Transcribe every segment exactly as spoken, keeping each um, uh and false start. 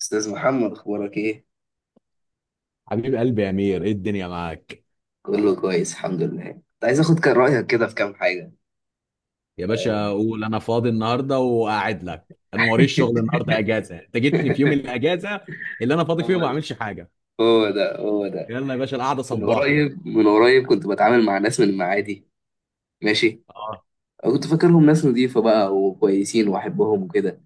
استاذ محمد، اخبارك ايه؟ حبيب قلبي يا امير، ايه الدنيا معاك؟ كله كويس الحمد لله. كنت عايز اخد كان رايك كده في كام حاجه. يا باشا قول، انا فاضي النهارده وقاعد لك. انا موريش شغل النهارده، اجازه. انت جيتني في يوم الاجازه اللي انا فاضي فيه وما هو ده، بعملش حاجه. هو ده، هو ده. يلا يا باشا، القعده من صباحي. قريب من قريب كنت بتعامل مع ناس من المعادي. ماشي. اه، أنا كنت فاكرهم ناس نظيفه بقى وكويسين واحبهم وكده.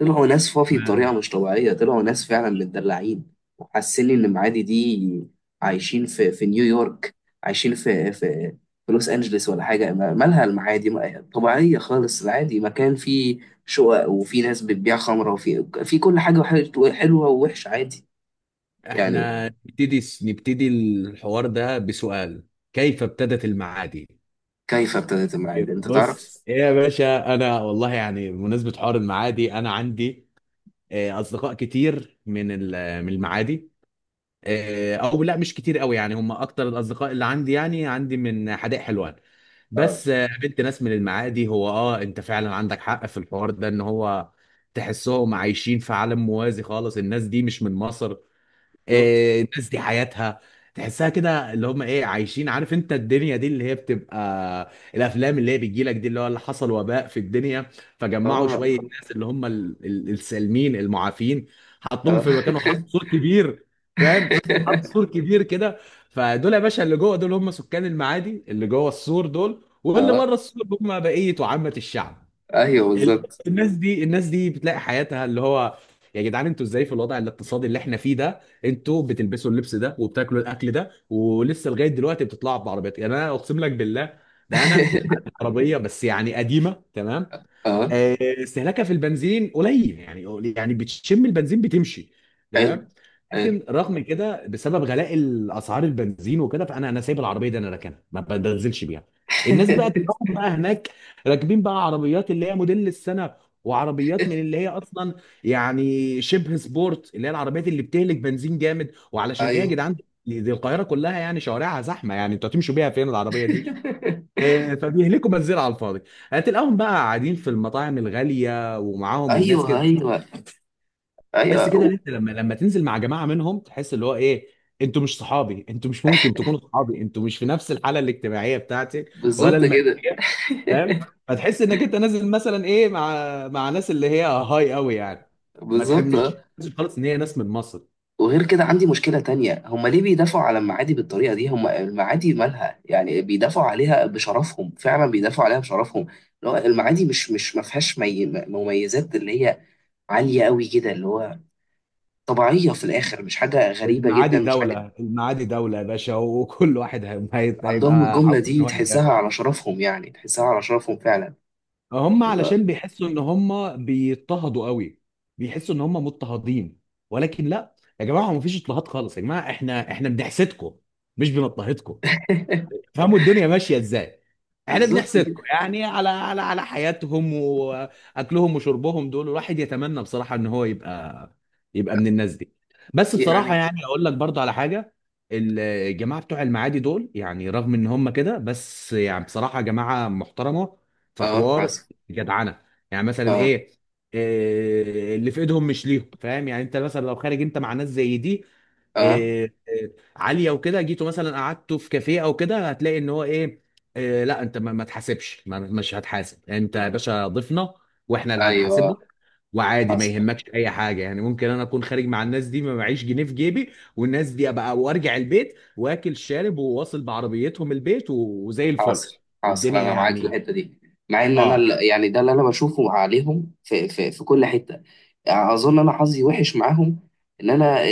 طلعوا ناس فافي تمام. بطريقة مش طبيعية، طلعوا ناس فعلا متدلعين. وحاسين إن معادي دي عايشين في في نيويورك، عايشين في في في لوس أنجلس ولا حاجة. ما- مالها المعادي؟ ما- طبيعية خالص. العادي مكان فيه شقق، وفي ناس بتبيع خمرة، وفي في كل حاجة، وحل- حلوة ووحشة عادي يعني. احنا نبتدي نبتدي الحوار ده بسؤال: كيف ابتدت المعادي؟ كيف ابتدت المعادي أنت بص تعرف؟ ايه يا باشا، انا والله يعني بمناسبه حوار المعادي انا عندي آه، اصدقاء كتير من ال- من المعادي. آه، او لا، مش كتير قوي يعني، هم اكتر الاصدقاء اللي عندي يعني عندي من حدائق حلوان. اه. بس آه، قابلت ناس من المعادي. هو اه انت فعلا عندك حق في الحوار ده، ان هو تحسهم عايشين في عالم موازي خالص، الناس دي مش من مصر. بالظبط. إيه، الناس دي حياتها تحسها كده، اللي هم ايه عايشين؟ عارف انت الدنيا دي اللي هي بتبقى الافلام اللي هي بتجي لك دي، اللي هو اللي حصل وباء في الدنيا اه، فجمعوا شويه اه، ناس اللي هم ال- ال- السالمين المعافين، حطوهم اه. في مكان وحطوا سور كبير. فاهم؟ حطوا سور كبير كده. فدول يا باشا اللي جوه دول هم سكان المعادي اللي جوه السور، دول واللي آه. بره السور هم بقيه وعامه الشعب. ايوه ال- بالظبط. الناس دي، الناس دي بتلاقي حياتها اللي هو: يا جدعان انتوا ازاي في الوضع الاقتصادي اللي احنا فيه ده انتوا بتلبسوا اللبس ده وبتاكلوا الاكل ده ولسه لغايه دلوقتي بتطلعوا بعربيات؟ يعني انا اقسم لك بالله ده انا عندي عربيه بس يعني قديمه. تمام، اه. آه، استهلاكها في البنزين قليل، يعني يعني بتشم البنزين بتمشي. حلو، تمام. حلو. لكن رغم كده بسبب غلاء الاسعار البنزين وكده فانا انا سايب العربيه دي، انا راكنها ما بنزلش بيها. الناس بقى تلاقيهم بقى هناك راكبين بقى عربيات اللي هي موديل السنه، وعربيات من اللي هي اصلا يعني شبه سبورت، اللي هي العربيات اللي بتهلك بنزين جامد. وعلشان ايه يا ايوه، جدعان؟ دي القاهره كلها يعني شوارعها زحمه، يعني انتوا هتمشوا بيها فين العربيه؟ إيه، فبيهلكوا بنزين على الفاضي. هتلاقيهم بقى قاعدين في المطاعم الغاليه ومعاهم الناس ايوه، كده. ايوه، ايوه تحس كده و- ان انت لما لما تنزل مع جماعه منهم تحس اللي هو ايه، انتوا مش صحابي، انتوا مش ممكن تكونوا صحابي، انتوا مش في نفس الحاله الاجتماعيه بتاعتي ولا بالظبط كده. الماديه. فاهم؟ فتحس انك انت نازل مثلا ايه مع مع ناس اللي هي هاي قوي يعني. ما بالظبط تحبش آه. خالص ان هي ناس من مصر. وغير كده عندي مشكله تانية، هم ليه بيدافعوا على المعادي بالطريقه دي؟ هم المعادي مالها يعني؟ بيدافعوا عليها بشرفهم، فعلا بيدافعوا عليها بشرفهم. اللي هو المعادي مش مش ما فيهاش مي- مميزات اللي هي عاليه قوي كده، اللي هو طبيعيه في الاخر، مش حاجه غريبه جدا، المعادي مش حاجه. دوله، المعادي دوله يا باشا، وكل واحد هي- هي- عندهم هيبقى الجمله عاوز ان دي هو تحسها يدافع. على شرفهم، يعني تحسها على شرفهم فعلا. هم آه. علشان بيحسوا ان هم بيضطهدوا قوي، بيحسوا ان هم مضطهدين. ولكن لا يا جماعه، هو مفيش اضطهاد خالص يا جماعه، احنا احنا بنحسدكم مش بنضطهدكم. فهموا الدنيا ماشيه ازاي. احنا بالظبط بنحسدكم كده يعني على على على حياتهم واكلهم وشربهم. دول الواحد يتمنى بصراحه ان هو يبقى يبقى من الناس دي. بس يعني. بصراحه يعني اقول لك برضو على حاجه، الجماعه بتوع المعادي دول يعني رغم ان هم كده، بس يعني بصراحه جماعه محترمه، في اه حوار حصل. جدعنه. يعني مثلا اه، ايه، إيه، اللي في ايدهم مش ليهم. فاهم يعني؟ انت مثلا لو خارج انت مع ناس زي دي اه، آه، آه، عاليه وكده، جيته مثلا قعدته في كافيه او كده، هتلاقي ان هو ايه: آه لا انت ما ما تحاسبش، ما- مش هتحاسب انت يا باشا، ضيفنا، واحنا اللي هنحاسب ايوه. لك. وعادي ما حاصل، يهمكش اي حاجه يعني. ممكن انا اكون خارج مع الناس دي ما معيش جنيه في جيبي والناس دي ابقى وارجع البيت واكل شارب وواصل بعربيتهم البيت و- وزي الفل. حاصل، حاصل، والدنيا انا معاك في يعني. الحته دي. مع ان انا اه، ال- يعني ده اللي انا بشوفه عليهم في في في كل حته، يعني اظن انا حظي وحش معاهم. ان انا إيه-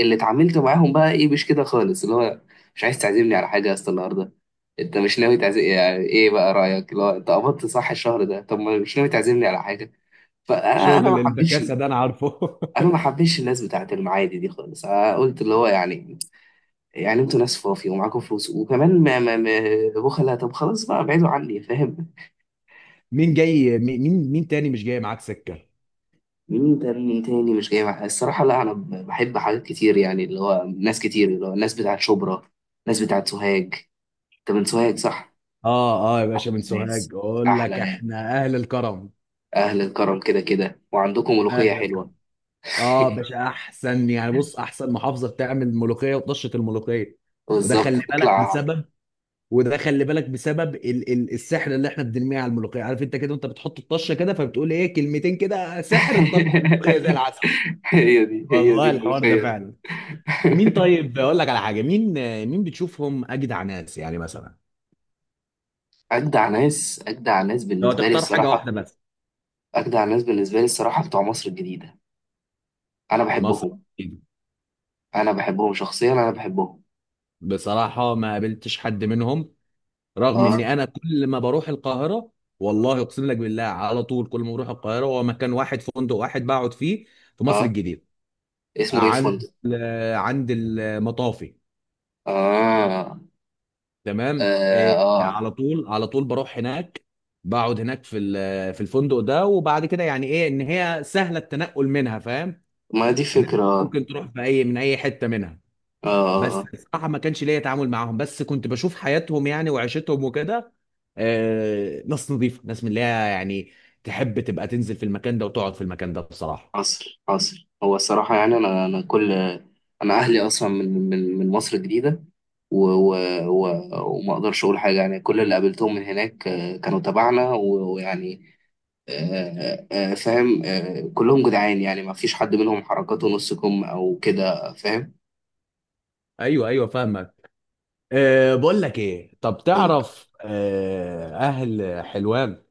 اللي اتعاملت معاهم بقى ايه، مش كده خالص اللي هو. مش عايز تعزمني على حاجه يا اسطى النهارده؟ انت مش ناوي تعزم؟ يعني ايه بقى رايك اللي هو انت قبضت صح الشهر ده، طب ما مش ناوي تعزمني على حاجه. فانا انا شغل ما حبيتش. البكاسه ده انا عارفه. انا ما حبيتش الناس بتاعت المعادي دي خالص. أنا قلت اللي هو يعني، يعني انتوا ناس فوفي ومعاكم فلوس وكمان ما ما ما بخلة. طب خلاص بقى ابعدوا عني فاهم. مين جاي؟ مين مين مين تاني مش جاي معاك سكه؟ مين تاني؟ تاني مش جاي معايا الصراحة. لا، انا ب- بحب حاجات كتير يعني، اللي هو ناس كتير، اللي هو الناس بتاعت شبرا، ناس بتاعت سوهاج. انت من سوهاج صح؟ اه، اه يا باشا، من سوهاج. ناس، اقول احلى لك، ناس، احنا اهل الكرم، اهل الكرم كده كده، وعندكم ملوخية اهل الكرم. حلوة. اه باشا، احسن يعني. بص، احسن محافظه بتعمل ملوخيه وطشه الملوخيه. وده بالظبط خلي بالك تطلع. بسبب، وده خلي بالك بسبب ال ال السحر اللي احنا بنرميه على الملوخيه. عارف انت كده، وانت بتحط الطشه كده فبتقول ايه كلمتين كده سحر، تطلع الملوخيه زي العسل. هي دي، هي دي والله الحوار ده الملوخية دي. فعلا. مين طيب، اقول لك على حاجه: مين، مين بتشوفهم اجدع ناس يعني مثلا؟ أجدع ناس، أجدع ناس لو بالنسبة لي تختار حاجه الصراحة. واحده بس. أجدع ناس بالنسبة لي الصراحة بتوع مصر الجديدة. انا مصر. بحبهم. انا بحبهم شخصيا، انا بحبهم. بصراحه ما قابلتش حد منهم، رغم اه، ان انا كل ما بروح القاهره، والله اقسم لك بالله على طول كل ما بروح القاهره هو مكان واحد فندق واحد بقعد فيه في مصر اه. الجديده، اسمه ايه عند فندق؟ ال- عند المطافي. اه، تمام، اه، إيه، آه. على طول على طول بروح هناك، بقعد هناك في ال- في الفندق ده. وبعد كده يعني ايه ان هي سهله التنقل منها. فاهم ما دي ان إنت فكرة اه. ممكن تروح في اي من اي حته منها. اه، بس آه. الصراحه ما كانش ليا تعامل معاهم، بس كنت بشوف حياتهم يعني وعيشتهم وكده. آه، ناس نظيفه، ناس من اللي هي يعني تحب تبقى تنزل في المكان ده وتقعد في المكان ده بصراحه. عصر عصر، هو الصراحة يعني انا انا كل. انا اهلي اصلا من من من مصر الجديدة، و... و... و... وما اقدرش اقول حاجة يعني. كل اللي قابلتهم من هناك آه، كانوا تبعنا و- ويعني، آه، آه، آه، فاهم، آه، كلهم جدعان يعني، ما فيش حد منهم حركاته نص كم او كده فاهم. ايوه ايوه، فاهمك. أه بقول لك ايه، طب وال- تعرف أه اهل حلوان؟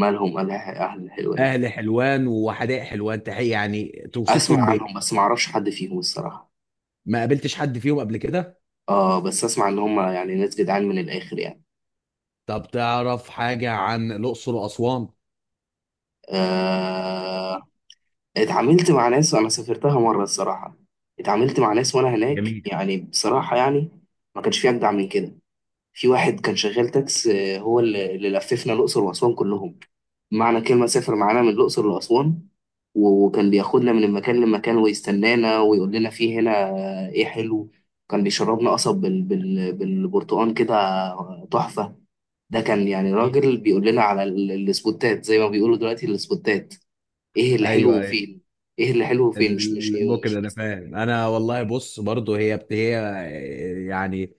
مالهم اهل أهل حلوان اهل حلوان وحدائق حلوان تحية، يعني اسمع توصفهم عنهم بايه؟ بس ما اعرفش حد فيهم الصراحه. ما قابلتش حد فيهم قبل كده. اه بس اسمع ان هم يعني ناس جدعان من الاخر يعني. طب تعرف حاجه عن الاقصر واسوان؟ آه. اتعاملت مع ناس، انا سافرتها مره الصراحه، اتعاملت مع ناس وانا هناك جميل يعني بصراحه يعني ما كانش في اجدع من كده. في واحد كان شغال تاكس، آه، هو اللي اللي لففنا الأقصر وأسوان كلهم، معنى كلمة سافر معانا من الأقصر لأسوان. و- وكان بياخدنا من المكان لمكان ويستنانا ويقول لنا في هنا آه، إيه حلو. كان بيشربنا قصب بال... بال... بالبرتقال كده. آه، تحفة. ده كان يعني جميل. راجل بيقول لنا على ال- السبوتات، زي ما بيقولوا دلوقتي السبوتات. إيه اللي ايوه حلو أيوه. وفين؟ إيه اللي حلو وفين؟ مش مش إيه ممكن ومش. انا فاهم. انا والله بص برضو هي بت... هي يعني،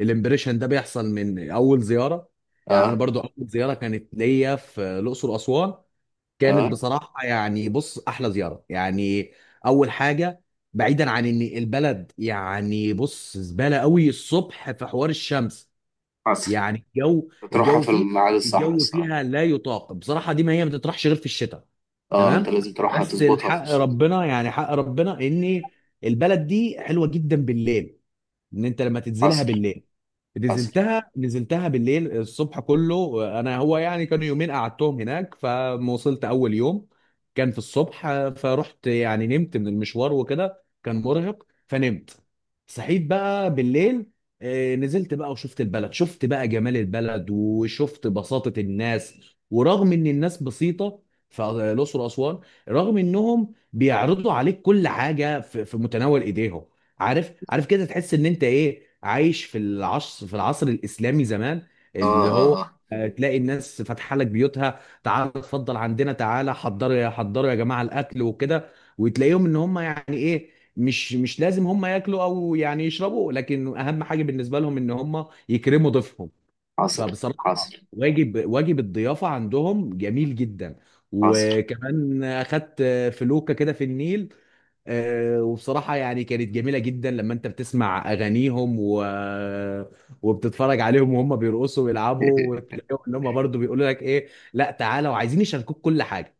الامبريشن ده بيحصل من اول زياره. يعني انا آه، برضو اول زياره كانت ليا في الاقصر واسوان كانت آه، بصراحه يعني بص احلى زياره يعني. اول حاجه، بعيدا عن ان البلد يعني بص زباله قوي الصبح في حوار الشمس، حصل. يعني الجو تروحها الجو في فيها، الميعاد الصح الجو الصراحة. فيها لا يطاق بصراحه. دي ما هي ما تطرحش غير في الشتاء. اه، تمام. انت لازم تروحها بس تظبطها في الحق الصيف. ربنا يعني حق ربنا ان البلد دي حلوه جدا بالليل، ان انت لما تنزلها حصل، بالليل. حصل. نزلتها نزلتها بالليل. الصبح كله انا هو يعني كانوا يومين قعدتهم هناك، فما وصلت اول يوم كان في الصبح، فرحت يعني نمت من المشوار وكده، كان مرهق فنمت. صحيت بقى بالليل، آه، نزلت بقى وشفت البلد، شفت بقى جمال البلد وشفت بساطة الناس. ورغم ان الناس بسيطة في الأقصر وأسوان، رغم انهم بيعرضوا عليك كل حاجة في في متناول ايديهم، عارف عارف كده، تحس ان انت ايه عايش في العصر في العصر الاسلامي زمان، اه، اللي اه، هو اه، آه، تلاقي الناس فاتحه لك بيوتها، تعالى اتفضل عندنا، تعالى حضروا يا حضروا يا جماعه الاكل وكده. وتلاقيهم ان هم يعني ايه، مش مش لازم هم ياكلوا او يعني يشربوا، لكن اهم حاجه بالنسبه لهم ان هم يكرموا ضيفهم. حصل، فبصراحه حصل، واجب، واجب الضيافه عندهم جميل جدا. حصل. وكمان اخدت فلوكه كده في النيل، آه، وبصراحة يعني كانت جميلة جدا لما انت بتسمع اغانيهم و... وبتتفرج عليهم وهم بيرقصوا ويلعبوا، وتلاقيهم ان هم برضه بيقولوا لك ايه لا تعالى، وعايزين يشاركوك كل حاجة.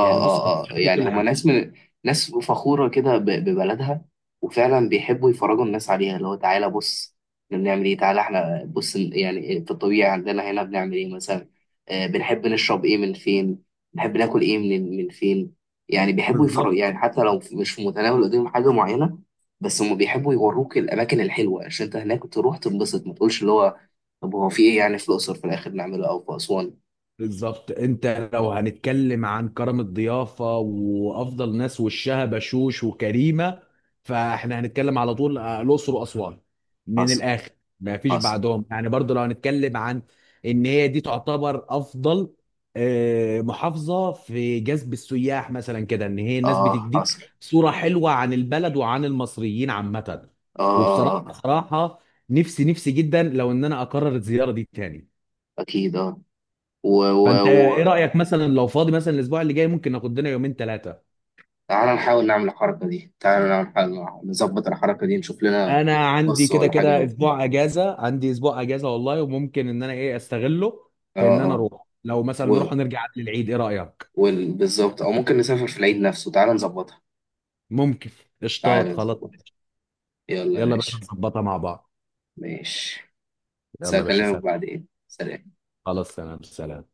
يعني بص، عايزين اه، اه، يشاركوك يعني كل هما حاجة. ناس من ناس فخورة كده ب- ببلدها. وفعلا بيحبوا يفرجوا الناس عليها اللي هو، تعالى بص احنا بنعمل ايه، تعالى احنا بص ال- يعني في الطبيعي عندنا هنا بنعمل ايه مثلا. آه، بنحب نشرب ايه من فين، بنحب ناكل ايه من من فين. يعني بيحبوا يفرجوا بالظبط. يعني، حتى لو مش في متناول ايديهم حاجة معينة. بس هما بيحبوا يوروك الأماكن الحلوة عشان أنت هناك تروح تنبسط، ما تقولش اللي هو طب هو في إيه يعني في الأقصر في الآخر نعمله أو في أسوان. بالظبط، انت لو هنتكلم عن كرم الضيافه وافضل ناس وشها بشوش وكريمه، فاحنا هنتكلم على طول آه، الاقصر واسوان، من حصل، الاخر، ما فيش حصل. بعدهم. يعني برضو لو هنتكلم عن ان هي دي تعتبر افضل آه، محافظه في جذب السياح مثلا كده، ان هي الناس آه بتديك حصل. صوره حلوه عن البلد وعن المصريين عامه. اه، اه، وبصراحه اه. بصراحه، نفسي نفسي جدا لو ان انا اقرر الزياره دي تاني. اكيد اه. و و فانت ايه و رايك مثلا لو فاضي مثلا الاسبوع اللي جاي ممكن ناخد لنا يومين ثلاثه؟ تعالى نحاول نعمل الحركه دي، تعالى نعمل حاجة- نظبط الحركه دي، نشوف لنا. انا عندي بص كده ولا حاجه كده هو. اسبوع اجازه، عندي اسبوع اجازه والله، وممكن ان انا ايه استغله اه، في ان اه. انا اروح. لو و مثلا نروح نرجع قبل العيد ايه رايك؟ وال- بالظبط، او ممكن نسافر في العيد نفسه، تعالى نظبطها. ممكن. قشطات، تعالى خلاص، نظبطها. ماشي. يلا يا يلا يا باشا، باشا. نظبطها مع بعض. ماشي. بس يلا يا باشا هكلمك سلام. بعدين، سلام. خلاص سلام سلام.